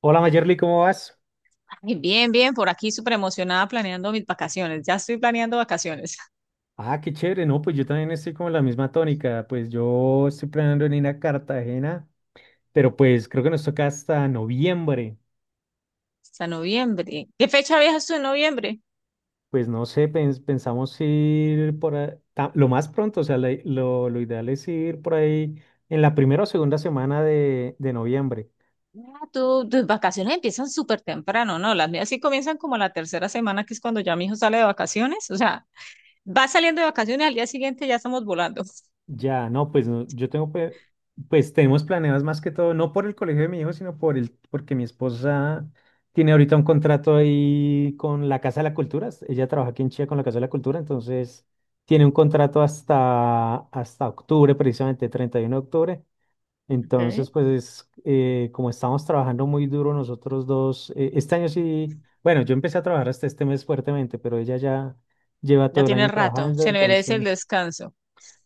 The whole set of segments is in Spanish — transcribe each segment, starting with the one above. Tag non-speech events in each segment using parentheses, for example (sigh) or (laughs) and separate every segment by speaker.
Speaker 1: Hola Mayerly, ¿cómo vas?
Speaker 2: Ay, bien, bien, por aquí súper emocionada planeando mis vacaciones. Ya estoy planeando vacaciones (laughs)
Speaker 1: Ah, qué chévere, no, pues yo también estoy como en la misma tónica. Pues yo estoy planeando en ir a Cartagena, pero pues creo que nos toca hasta noviembre.
Speaker 2: hasta noviembre. ¿Qué fecha viajas tú en noviembre?
Speaker 1: Pues no sé, pensamos ir lo más pronto. O sea, lo ideal es ir por ahí en la primera o segunda semana de noviembre.
Speaker 2: Ah, tus vacaciones empiezan súper temprano, ¿no? Las mías sí comienzan como la tercera semana, que es cuando ya mi hijo sale de vacaciones. O sea, va saliendo de vacaciones, al día siguiente ya estamos volando.
Speaker 1: Ya, no, pues no, yo tengo, pues, tenemos planeadas más que todo, no por el colegio de mi hijo, sino por el, porque mi esposa tiene ahorita un contrato ahí con la Casa de la Cultura. Ella trabaja aquí en Chile con la Casa de la Cultura. Entonces tiene un contrato hasta octubre, precisamente 31 de octubre. Entonces,
Speaker 2: Okay.
Speaker 1: pues como estamos trabajando muy duro nosotros dos, este año sí, bueno, yo empecé a trabajar hasta este mes fuertemente, pero ella ya lleva
Speaker 2: Ya
Speaker 1: todo el
Speaker 2: tiene
Speaker 1: año
Speaker 2: rato,
Speaker 1: trabajando,
Speaker 2: se merece el
Speaker 1: entonces...
Speaker 2: descanso.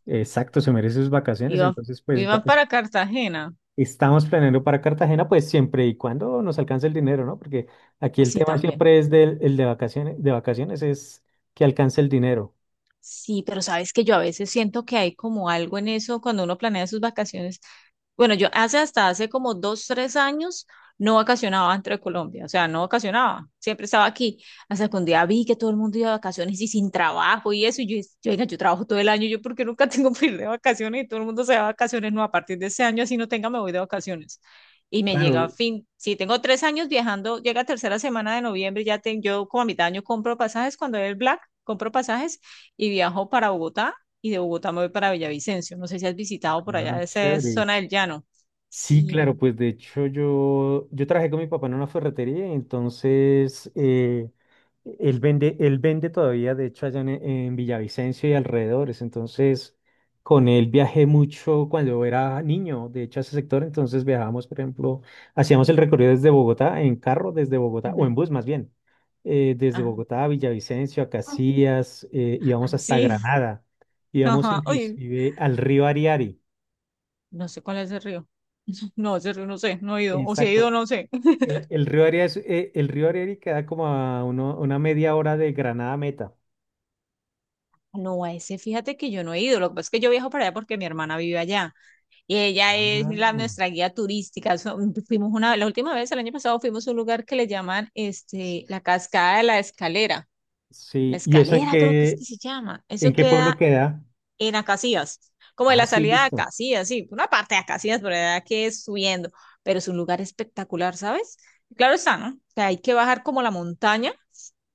Speaker 1: Exacto, se merece sus vacaciones.
Speaker 2: Iban,
Speaker 1: Entonces, pues
Speaker 2: iban para Cartagena.
Speaker 1: estamos planeando para Cartagena, pues siempre y cuando nos alcance el dinero, ¿no? Porque aquí el
Speaker 2: Sí,
Speaker 1: tema
Speaker 2: también.
Speaker 1: siempre es del el de vacaciones es que alcance el dinero.
Speaker 2: Sí, pero sabes que yo a veces siento que hay como algo en eso cuando uno planea sus vacaciones. Bueno, yo hace hasta hace como 2, 3 años no vacacionaba dentro de Colombia, o sea, no vacacionaba, siempre estaba aquí. Hasta que un día vi que todo el mundo iba de vacaciones y sin trabajo y eso, y yo, dije, yo, venga, yo trabajo todo el año, yo porque nunca (laughs) tengo que ir de vacaciones y todo el mundo se va de vacaciones, no, a partir de este año así no tenga, me voy de vacaciones. Y me llega a
Speaker 1: Claro,
Speaker 2: fin, si tengo 3 años viajando, llega tercera semana de noviembre, ya tengo, yo como a mitad de año compro pasajes cuando es el Black, compro pasajes y viajo para Bogotá y de Bogotá me voy para Villavicencio. No sé si has visitado por
Speaker 1: ah,
Speaker 2: allá, esa es
Speaker 1: chévere.
Speaker 2: zona del llano.
Speaker 1: Sí,
Speaker 2: Sí.
Speaker 1: claro, pues de hecho yo trabajé con mi papá en una ferretería. Entonces él vende todavía, de hecho, allá en Villavicencio y alrededores. Entonces con él viajé mucho cuando era niño, de hecho, a ese sector. Entonces viajábamos, por ejemplo, hacíamos el recorrido desde Bogotá, en carro desde Bogotá, o
Speaker 2: Ujú.
Speaker 1: en bus más bien, desde
Speaker 2: Ajá,
Speaker 1: Bogotá a Villavicencio, a Casillas, íbamos
Speaker 2: ah,
Speaker 1: hasta
Speaker 2: sí. (laughs)
Speaker 1: Granada, íbamos
Speaker 2: Ajá. Oye,
Speaker 1: inclusive al río Ariari.
Speaker 2: no sé cuál es el río. No, ese río no sé, no he ido. O si he
Speaker 1: Exacto.
Speaker 2: ido, no sé. (laughs)
Speaker 1: El río Arira es, el río Ariri queda como a una media hora de Granada a Meta.
Speaker 2: No, a ese fíjate que yo no he ido. Lo que pasa es que yo viajo para allá porque mi hermana vive allá. Y ella es
Speaker 1: Ah.
Speaker 2: nuestra guía turística. Fuimos la última vez, el año pasado, fuimos a un lugar que le llaman este, la Cascada de la Escalera. La
Speaker 1: Sí, ¿y eso
Speaker 2: Escalera creo que es que se llama.
Speaker 1: en
Speaker 2: Eso
Speaker 1: qué pueblo
Speaker 2: queda
Speaker 1: queda?
Speaker 2: en Acacías, como de
Speaker 1: Ah,
Speaker 2: la
Speaker 1: sí,
Speaker 2: salida de
Speaker 1: listo.
Speaker 2: Acacías, sí, una parte de Acacías, pero verdad que es subiendo, pero es un lugar espectacular, ¿sabes? Claro está, ¿no? Que hay que bajar como la montaña,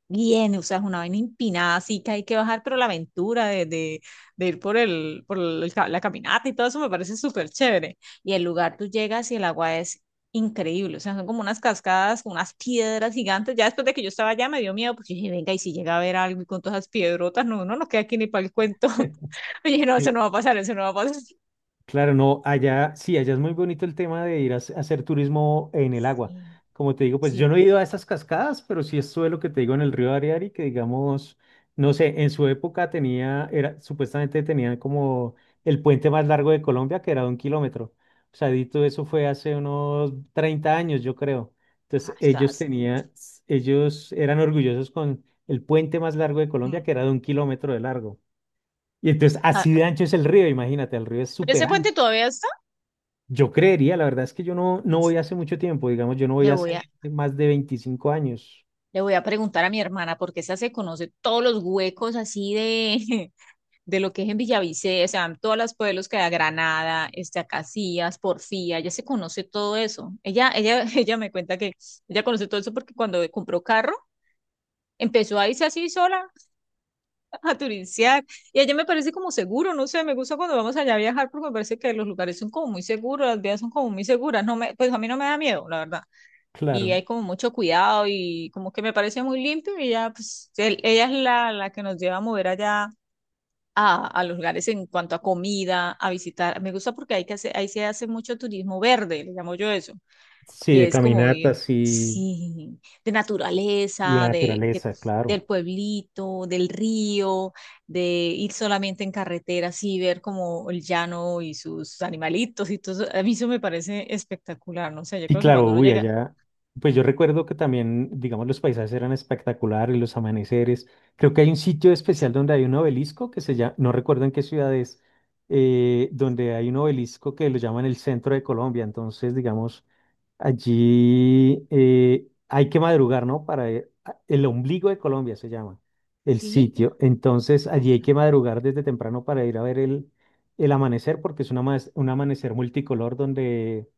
Speaker 2: bien, o sea, es una vaina empinada, así que hay que bajar, pero la aventura de ir por el, la caminata y todo eso me parece súper chévere. Y el lugar tú llegas y el agua es increíble, o sea, son como unas cascadas, como unas piedras gigantes. Ya después de que yo estaba allá me dio miedo, porque dije, venga, y si llega a ver algo y con todas esas piedrotas, no, no nos queda aquí ni para el cuento.
Speaker 1: (laughs)
Speaker 2: (laughs) Y dije, no, eso
Speaker 1: Sí,
Speaker 2: no va a pasar, eso no va a pasar.
Speaker 1: claro, no, allá, sí, allá es muy bonito el tema de ir a, hacer turismo en el agua.
Speaker 2: Sí,
Speaker 1: Como te digo, pues yo
Speaker 2: sí.
Speaker 1: no he ido a esas cascadas, pero sí estuve lo que te digo en el río Ariari, que digamos, no sé, en su época tenía, era, supuestamente tenían como el puente más largo de Colombia, que era de 1 kilómetro. O sea, dito eso fue hace unos 30 años, yo creo.
Speaker 2: Ah,
Speaker 1: Entonces, ellos
Speaker 2: estás, ¿no?
Speaker 1: tenían, ellos eran orgullosos con el puente más largo de Colombia,
Speaker 2: Mm.
Speaker 1: que era de 1 kilómetro de largo. Y entonces,
Speaker 2: Ah,
Speaker 1: así de ancho es el río, imagínate, el río es
Speaker 2: pero
Speaker 1: súper
Speaker 2: ese puente
Speaker 1: ancho.
Speaker 2: todavía está.
Speaker 1: Yo creería, la verdad es que yo no voy
Speaker 2: Listo.
Speaker 1: hace mucho tiempo. Digamos, yo no voy
Speaker 2: Le voy
Speaker 1: hace
Speaker 2: a,
Speaker 1: más de 25 años.
Speaker 2: le voy a preguntar a mi hermana, porque esa se conoce todos los huecos así de, (laughs) de lo que es en Villavicencio, o sea, todos los pueblos que hay, Granada, este, Acacías, Porfía, ella se conoce todo eso. Ella, (laughs) ella me cuenta que ella conoce todo eso porque cuando compró carro, empezó a irse así sola, a turistear. Y allá me parece como seguro, no sé, me gusta cuando vamos allá a viajar porque me parece que los lugares son como muy seguros, las vías son como muy seguras, no me, pues a mí no me da miedo, la verdad. Y
Speaker 1: Claro.
Speaker 2: hay como mucho cuidado y como que me parece muy limpio y ya, pues ella es la que nos lleva a mover allá. A los lugares en cuanto a comida, a visitar. Me gusta porque hay que hacer, ahí se hace mucho turismo verde, le llamo yo eso
Speaker 1: Sí,
Speaker 2: que
Speaker 1: de
Speaker 2: es como ir,
Speaker 1: caminatas
Speaker 2: sí, de
Speaker 1: y de
Speaker 2: naturaleza, de
Speaker 1: naturaleza,
Speaker 2: del
Speaker 1: claro.
Speaker 2: pueblito, del río, de ir solamente en carretera, así ver como el llano y sus animalitos y todo eso. A mí eso me parece espectacular, no sé, yo
Speaker 1: Y
Speaker 2: creo que cuando
Speaker 1: claro,
Speaker 2: uno
Speaker 1: uy,
Speaker 2: llega,
Speaker 1: allá, pues yo recuerdo que también, digamos, los paisajes eran espectaculares, los amaneceres. Creo que hay un sitio especial donde hay un obelisco que se llama, no recuerdo en qué ciudad es, donde hay un obelisco que lo llaman el centro de Colombia. Entonces, digamos, allí hay que madrugar, ¿no? Para ir el ombligo de Colombia se llama el
Speaker 2: sí,
Speaker 1: sitio. Entonces
Speaker 2: ¿dónde
Speaker 1: allí hay que
Speaker 2: estará?
Speaker 1: madrugar desde temprano para ir a ver el amanecer, porque es un un amanecer multicolor donde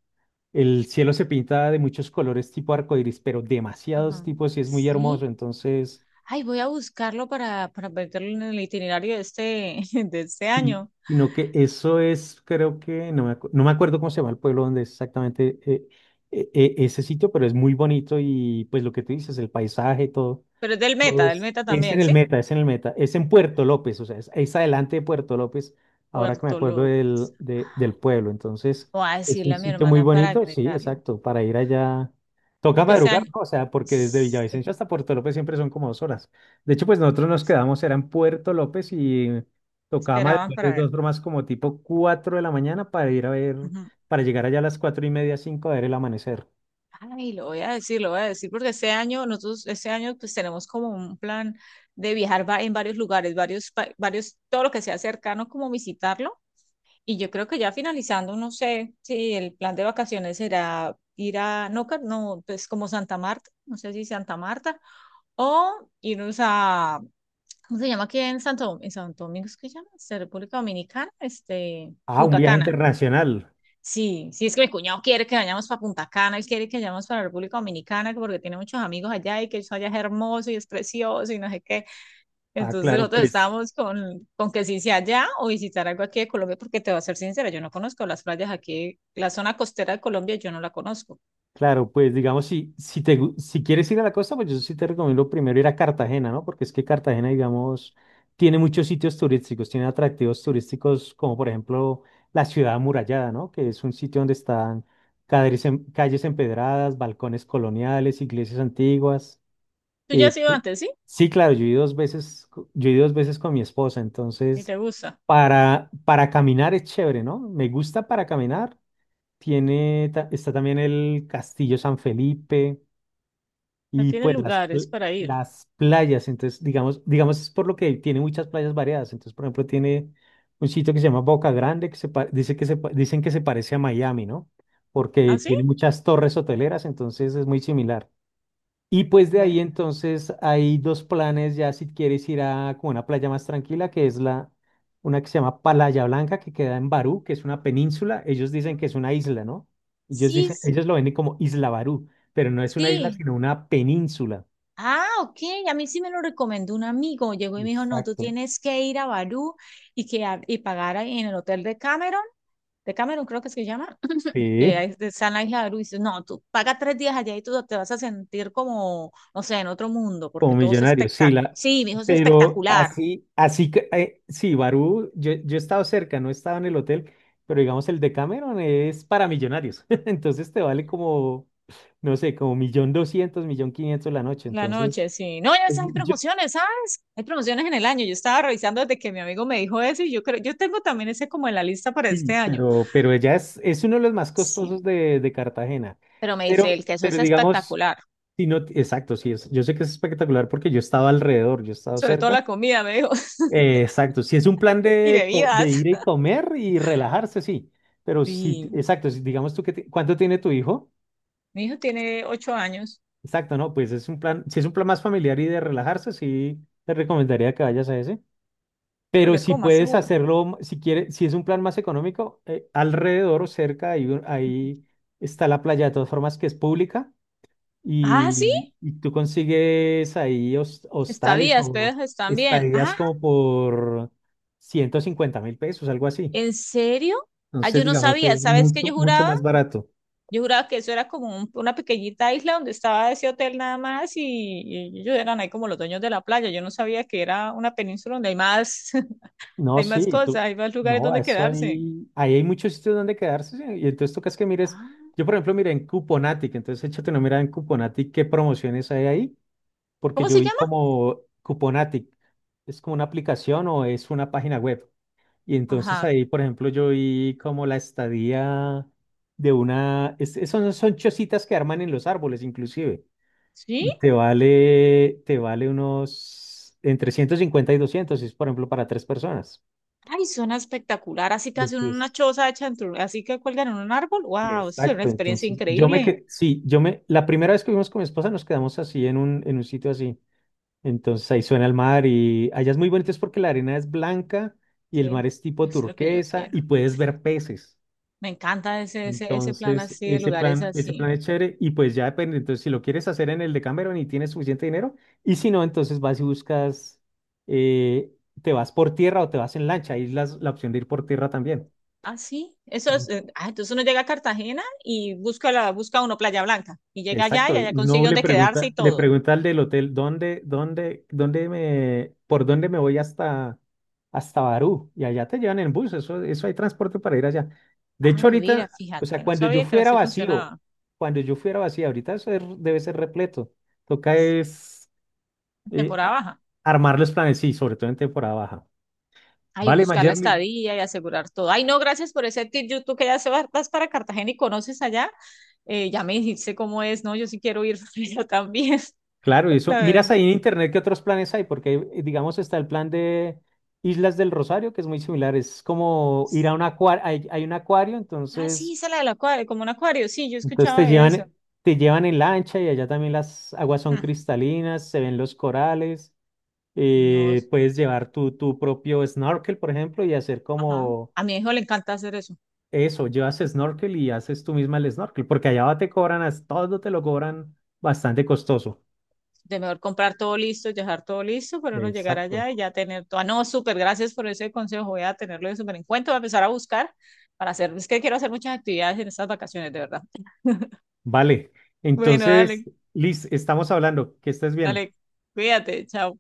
Speaker 1: el cielo se pinta de muchos colores tipo arcoíris, pero demasiados
Speaker 2: Ajá,
Speaker 1: tipos y es muy
Speaker 2: sí.
Speaker 1: hermoso. Entonces,
Speaker 2: Ay, voy a buscarlo para meterlo en el itinerario de este, (laughs) de este
Speaker 1: sí,
Speaker 2: año.
Speaker 1: sino que eso es, creo que, no me acuerdo cómo se llama el pueblo donde es exactamente ese sitio, pero es muy bonito y pues lo que tú dices, el paisaje, todo.
Speaker 2: Pero es del
Speaker 1: Pues,
Speaker 2: Meta
Speaker 1: es en
Speaker 2: también,
Speaker 1: el
Speaker 2: ¿sí?
Speaker 1: Meta, es en el Meta, es en Puerto López. O sea, es adelante de Puerto López, ahora que me
Speaker 2: Puerto
Speaker 1: acuerdo
Speaker 2: López.
Speaker 1: del pueblo. Entonces,
Speaker 2: Voy a
Speaker 1: es un
Speaker 2: decirle a mi
Speaker 1: sitio muy
Speaker 2: hermana para
Speaker 1: bonito, sí,
Speaker 2: agregarlo.
Speaker 1: exacto, para ir allá. Toca
Speaker 2: Porque ese
Speaker 1: madrugar,
Speaker 2: año
Speaker 1: ¿no? O sea, porque desde
Speaker 2: sí,
Speaker 1: Villavicencio hasta Puerto López siempre son como 2 horas. De hecho, pues nosotros nos quedamos, era en Puerto López y tocaba
Speaker 2: esperaban
Speaker 1: madrugar
Speaker 2: para
Speaker 1: de
Speaker 2: ver.
Speaker 1: dos formas como tipo 4 de la mañana para ir a ver,
Speaker 2: Ujú.
Speaker 1: para llegar allá a las 4:30, cinco a ver el amanecer.
Speaker 2: Ay, lo voy a decir, lo voy a decir, porque ese año, nosotros, ese año, pues tenemos como un plan de viajar en varios lugares, varios, varios, todo lo que sea cercano, como visitarlo. Y yo creo que ya finalizando, no sé si el plan de vacaciones será ir a, no, no, pues como Santa Marta, no sé si Santa Marta, o irnos a, ¿cómo se llama aquí en Santo Domingo? ¿Es que se llama? ¿Es República Dominicana, este,
Speaker 1: Ah, un
Speaker 2: Punta
Speaker 1: viaje
Speaker 2: Cana?
Speaker 1: internacional.
Speaker 2: Sí, sí, es que mi cuñado quiere que vayamos para Punta Cana, él quiere que vayamos para la República Dominicana, que porque tiene muchos amigos allá y que eso allá es hermoso y es precioso y no sé qué.
Speaker 1: Ah,
Speaker 2: Entonces
Speaker 1: claro,
Speaker 2: nosotros
Speaker 1: pues
Speaker 2: estábamos con que si sea allá o visitar algo aquí de Colombia, porque te voy a ser sincera, yo no conozco las playas aquí, la zona costera de Colombia, yo no la conozco.
Speaker 1: claro. Pues digamos, si quieres ir a la costa, pues yo sí te recomiendo primero ir a Cartagena, ¿no? Porque es que Cartagena, digamos, tiene muchos sitios turísticos, tiene atractivos turísticos como por ejemplo la ciudad amurallada, ¿no? Que es un sitio donde están calles, calles empedradas, balcones coloniales, iglesias antiguas.
Speaker 2: ¿Tú ya
Speaker 1: eh,
Speaker 2: has ido
Speaker 1: pl-
Speaker 2: antes, sí?
Speaker 1: sí, claro, yo he ido dos veces, yo he ido dos veces con mi esposa.
Speaker 2: ¿Y
Speaker 1: Entonces
Speaker 2: te gusta?
Speaker 1: para caminar es chévere, ¿no? Me gusta para caminar. Está también el Castillo San Felipe
Speaker 2: ¿No
Speaker 1: y
Speaker 2: tienes
Speaker 1: pues
Speaker 2: lugares para ir?
Speaker 1: las playas. Entonces, digamos, digamos, es por lo que tiene muchas playas variadas. Entonces, por ejemplo, tiene un sitio que se llama Boca Grande, que dice que dicen que se parece a Miami, ¿no? Porque
Speaker 2: ¿Ah, sí?
Speaker 1: tiene muchas torres hoteleras, entonces es muy similar. Y pues de ahí
Speaker 2: Ve.
Speaker 1: entonces hay dos planes ya si quieres ir a como una playa más tranquila, que es la una que se llama Playa Blanca, que queda en Barú, que es una península. Ellos dicen que es una isla, ¿no? Ellos dicen,
Speaker 2: Sí,
Speaker 1: ellos lo ven como Isla Barú, pero no es una isla,
Speaker 2: sí.
Speaker 1: sino una península.
Speaker 2: Ah, ok, a mí sí me lo recomendó un amigo. Llegó y me dijo, no, tú
Speaker 1: Exacto.
Speaker 2: tienes que ir a Barú y, que, y pagar ahí en el hotel de Cameron creo que es que se llama, (clears throat) que
Speaker 1: Sí.
Speaker 2: ahí está en la isla de Barú. Y dice, no, tú paga 3 días allá y tú te vas a sentir como, no sé, en otro mundo, porque
Speaker 1: Como
Speaker 2: todo es
Speaker 1: millonario, sí,
Speaker 2: espectacular. Sí, mi hijo es
Speaker 1: pero
Speaker 2: espectacular.
Speaker 1: así, así que, sí, Barú, yo he estado cerca, no he estado en el hotel, pero digamos el de Cameron es para millonarios, (laughs) entonces te vale como, no sé, como 1.200.000, 1.500.000 la noche.
Speaker 2: La
Speaker 1: Entonces,
Speaker 2: noche, sí. No, ya
Speaker 1: eh,
Speaker 2: ves, hay
Speaker 1: yo,
Speaker 2: promociones, ¿sabes? Hay promociones en el año. Yo estaba revisando desde que mi amigo me dijo eso y yo creo, yo tengo también ese como en la lista para este
Speaker 1: sí,
Speaker 2: año.
Speaker 1: pero, ella es uno de los más
Speaker 2: Sí.
Speaker 1: costosos de Cartagena,
Speaker 2: Pero me dice, el queso es
Speaker 1: pero digamos,
Speaker 2: espectacular.
Speaker 1: si no, exacto, sí, es, yo sé que es espectacular porque yo he estado alrededor, yo he estado
Speaker 2: Sobre todo
Speaker 1: cerca.
Speaker 2: la comida, me dijo. (laughs)
Speaker 1: Exacto, si es un plan
Speaker 2: Y
Speaker 1: de
Speaker 2: bebidas.
Speaker 1: ir y comer y relajarse, sí, pero sí,
Speaker 2: Sí,
Speaker 1: exacto, si digamos tú que, ¿cuánto tiene tu hijo?
Speaker 2: mi hijo tiene 8 años.
Speaker 1: Exacto, no, pues es un plan, si es un plan más familiar y de relajarse, sí, te recomendaría que vayas a ese.
Speaker 2: Sí, porque
Speaker 1: Pero
Speaker 2: es
Speaker 1: si
Speaker 2: como más
Speaker 1: puedes
Speaker 2: seguro.
Speaker 1: hacerlo, si quieres, si es un plan más económico, alrededor o cerca, hay ahí, está la playa de todas formas que es pública
Speaker 2: Ah, sí.
Speaker 1: y tú consigues ahí hostales
Speaker 2: Estadías,
Speaker 1: o
Speaker 2: pero están bien. Ah,
Speaker 1: estadías como por 150.000 pesos, algo así.
Speaker 2: ¿en serio? Ah,
Speaker 1: Entonces,
Speaker 2: yo no
Speaker 1: digamos,
Speaker 2: sabía.
Speaker 1: es
Speaker 2: ¿Sabes qué
Speaker 1: mucho,
Speaker 2: yo
Speaker 1: mucho
Speaker 2: juraba?
Speaker 1: más barato.
Speaker 2: Yo juraba que eso era como una pequeñita isla donde estaba ese hotel nada más y ellos eran ahí como los dueños de la playa. Yo no sabía que era una península donde hay más, (laughs)
Speaker 1: No,
Speaker 2: hay
Speaker 1: sí,
Speaker 2: más cosas, hay más lugares
Speaker 1: no,
Speaker 2: donde
Speaker 1: eso
Speaker 2: quedarse.
Speaker 1: ahí, hay muchos sitios donde quedarse, sí. Y entonces tocas que mires.
Speaker 2: Ah,
Speaker 1: Yo por ejemplo miré en Cuponatic. Entonces échate una mirada en Cuponatic, qué promociones hay ahí, porque
Speaker 2: ¿cómo
Speaker 1: yo
Speaker 2: se
Speaker 1: vi
Speaker 2: llama?
Speaker 1: como Cuponatic, es como una aplicación o es una página web. Y entonces
Speaker 2: Ajá.
Speaker 1: ahí por ejemplo yo vi como la estadía de una, son chocitas que arman en los árboles inclusive.
Speaker 2: ¿Sí?
Speaker 1: Y te vale unos entre 150 y 200 si es por ejemplo para tres personas.
Speaker 2: Ay, suena espectacular. Así que
Speaker 1: Y
Speaker 2: hacen una
Speaker 1: entonces-
Speaker 2: choza hecha en así que cuelgan en un árbol. Wow, eso es una
Speaker 1: exacto.
Speaker 2: experiencia
Speaker 1: Entonces yo me
Speaker 2: increíble.
Speaker 1: que sí, la primera vez que vimos con mi esposa nos quedamos así en un sitio así. Entonces ahí suena el mar y allá es muy bonito es porque la arena es blanca y el mar
Speaker 2: Sí,
Speaker 1: es
Speaker 2: eso
Speaker 1: tipo
Speaker 2: es lo que yo
Speaker 1: turquesa
Speaker 2: quiero.
Speaker 1: y puedes ver peces.
Speaker 2: Me encanta ese plan
Speaker 1: Entonces,
Speaker 2: así de lugares
Speaker 1: ese plan
Speaker 2: así.
Speaker 1: es chévere y pues ya depende. Entonces, si lo quieres hacer en el de Cameron y tienes suficiente dinero, y si no, entonces vas y buscas, eh, te vas por tierra o te vas en lancha. Ahí es la opción de ir por tierra también.
Speaker 2: Ah, sí. Eso es, ah, entonces uno llega a Cartagena y busca la, busca uno Playa Blanca. Y llega allá
Speaker 1: Exacto,
Speaker 2: y allá consigue
Speaker 1: no le
Speaker 2: donde quedarse y
Speaker 1: pregunta, le
Speaker 2: todo.
Speaker 1: pregunta al del hotel, ¿por dónde me voy hasta Barú? Y allá te llevan en bus, eso hay transporte para ir allá. De
Speaker 2: Ay,
Speaker 1: hecho,
Speaker 2: mira,
Speaker 1: ahorita, o sea,
Speaker 2: fíjate, no sabía que así funcionaba.
Speaker 1: cuando yo fuera vacío, ahorita eso debe ser repleto. Toca es eh,
Speaker 2: Temporada
Speaker 1: a-
Speaker 2: baja.
Speaker 1: armar los planes, sí, sobre todo en temporada baja.
Speaker 2: Ay,
Speaker 1: Vale,
Speaker 2: buscar la
Speaker 1: Mayerly.
Speaker 2: estadía y asegurar todo. Ay, no, gracias por ese tip. Yo, tú que ya vas para Cartagena y conoces allá, ya me dijiste cómo es, ¿no? Yo sí quiero ir (laughs) yo también,
Speaker 1: Claro, y
Speaker 2: (laughs)
Speaker 1: eso.
Speaker 2: la
Speaker 1: Miras
Speaker 2: verdad.
Speaker 1: ahí en internet qué otros planes hay, porque digamos está el plan de Islas del Rosario, que es muy similar. Es como ir a un acuario, hay un acuario.
Speaker 2: Ah, sí,
Speaker 1: Entonces,
Speaker 2: esa la del acuario, como un acuario. Sí, yo
Speaker 1: entonces
Speaker 2: escuchaba de eso.
Speaker 1: te llevan en lancha y allá también las aguas son
Speaker 2: Mm.
Speaker 1: cristalinas, se ven los corales.
Speaker 2: No,
Speaker 1: Puedes llevar tu propio snorkel, por ejemplo, y hacer
Speaker 2: ajá.
Speaker 1: como
Speaker 2: A mi hijo le encanta hacer eso.
Speaker 1: eso, llevas snorkel y haces tú misma el snorkel, porque allá te cobran, todo te lo cobran bastante costoso.
Speaker 2: De mejor comprar todo listo, dejar todo listo, pero no llegar
Speaker 1: Exacto.
Speaker 2: allá y ya tener todo. Ah, no, súper, gracias por ese consejo. Voy a tenerlo de súper en cuenta. Voy a empezar a buscar para hacer. Es que quiero hacer muchas actividades en estas vacaciones, de verdad. (laughs)
Speaker 1: Vale.
Speaker 2: Bueno,
Speaker 1: Entonces,
Speaker 2: dale.
Speaker 1: Liz, estamos hablando. Que estés bien.
Speaker 2: Dale, cuídate, chao.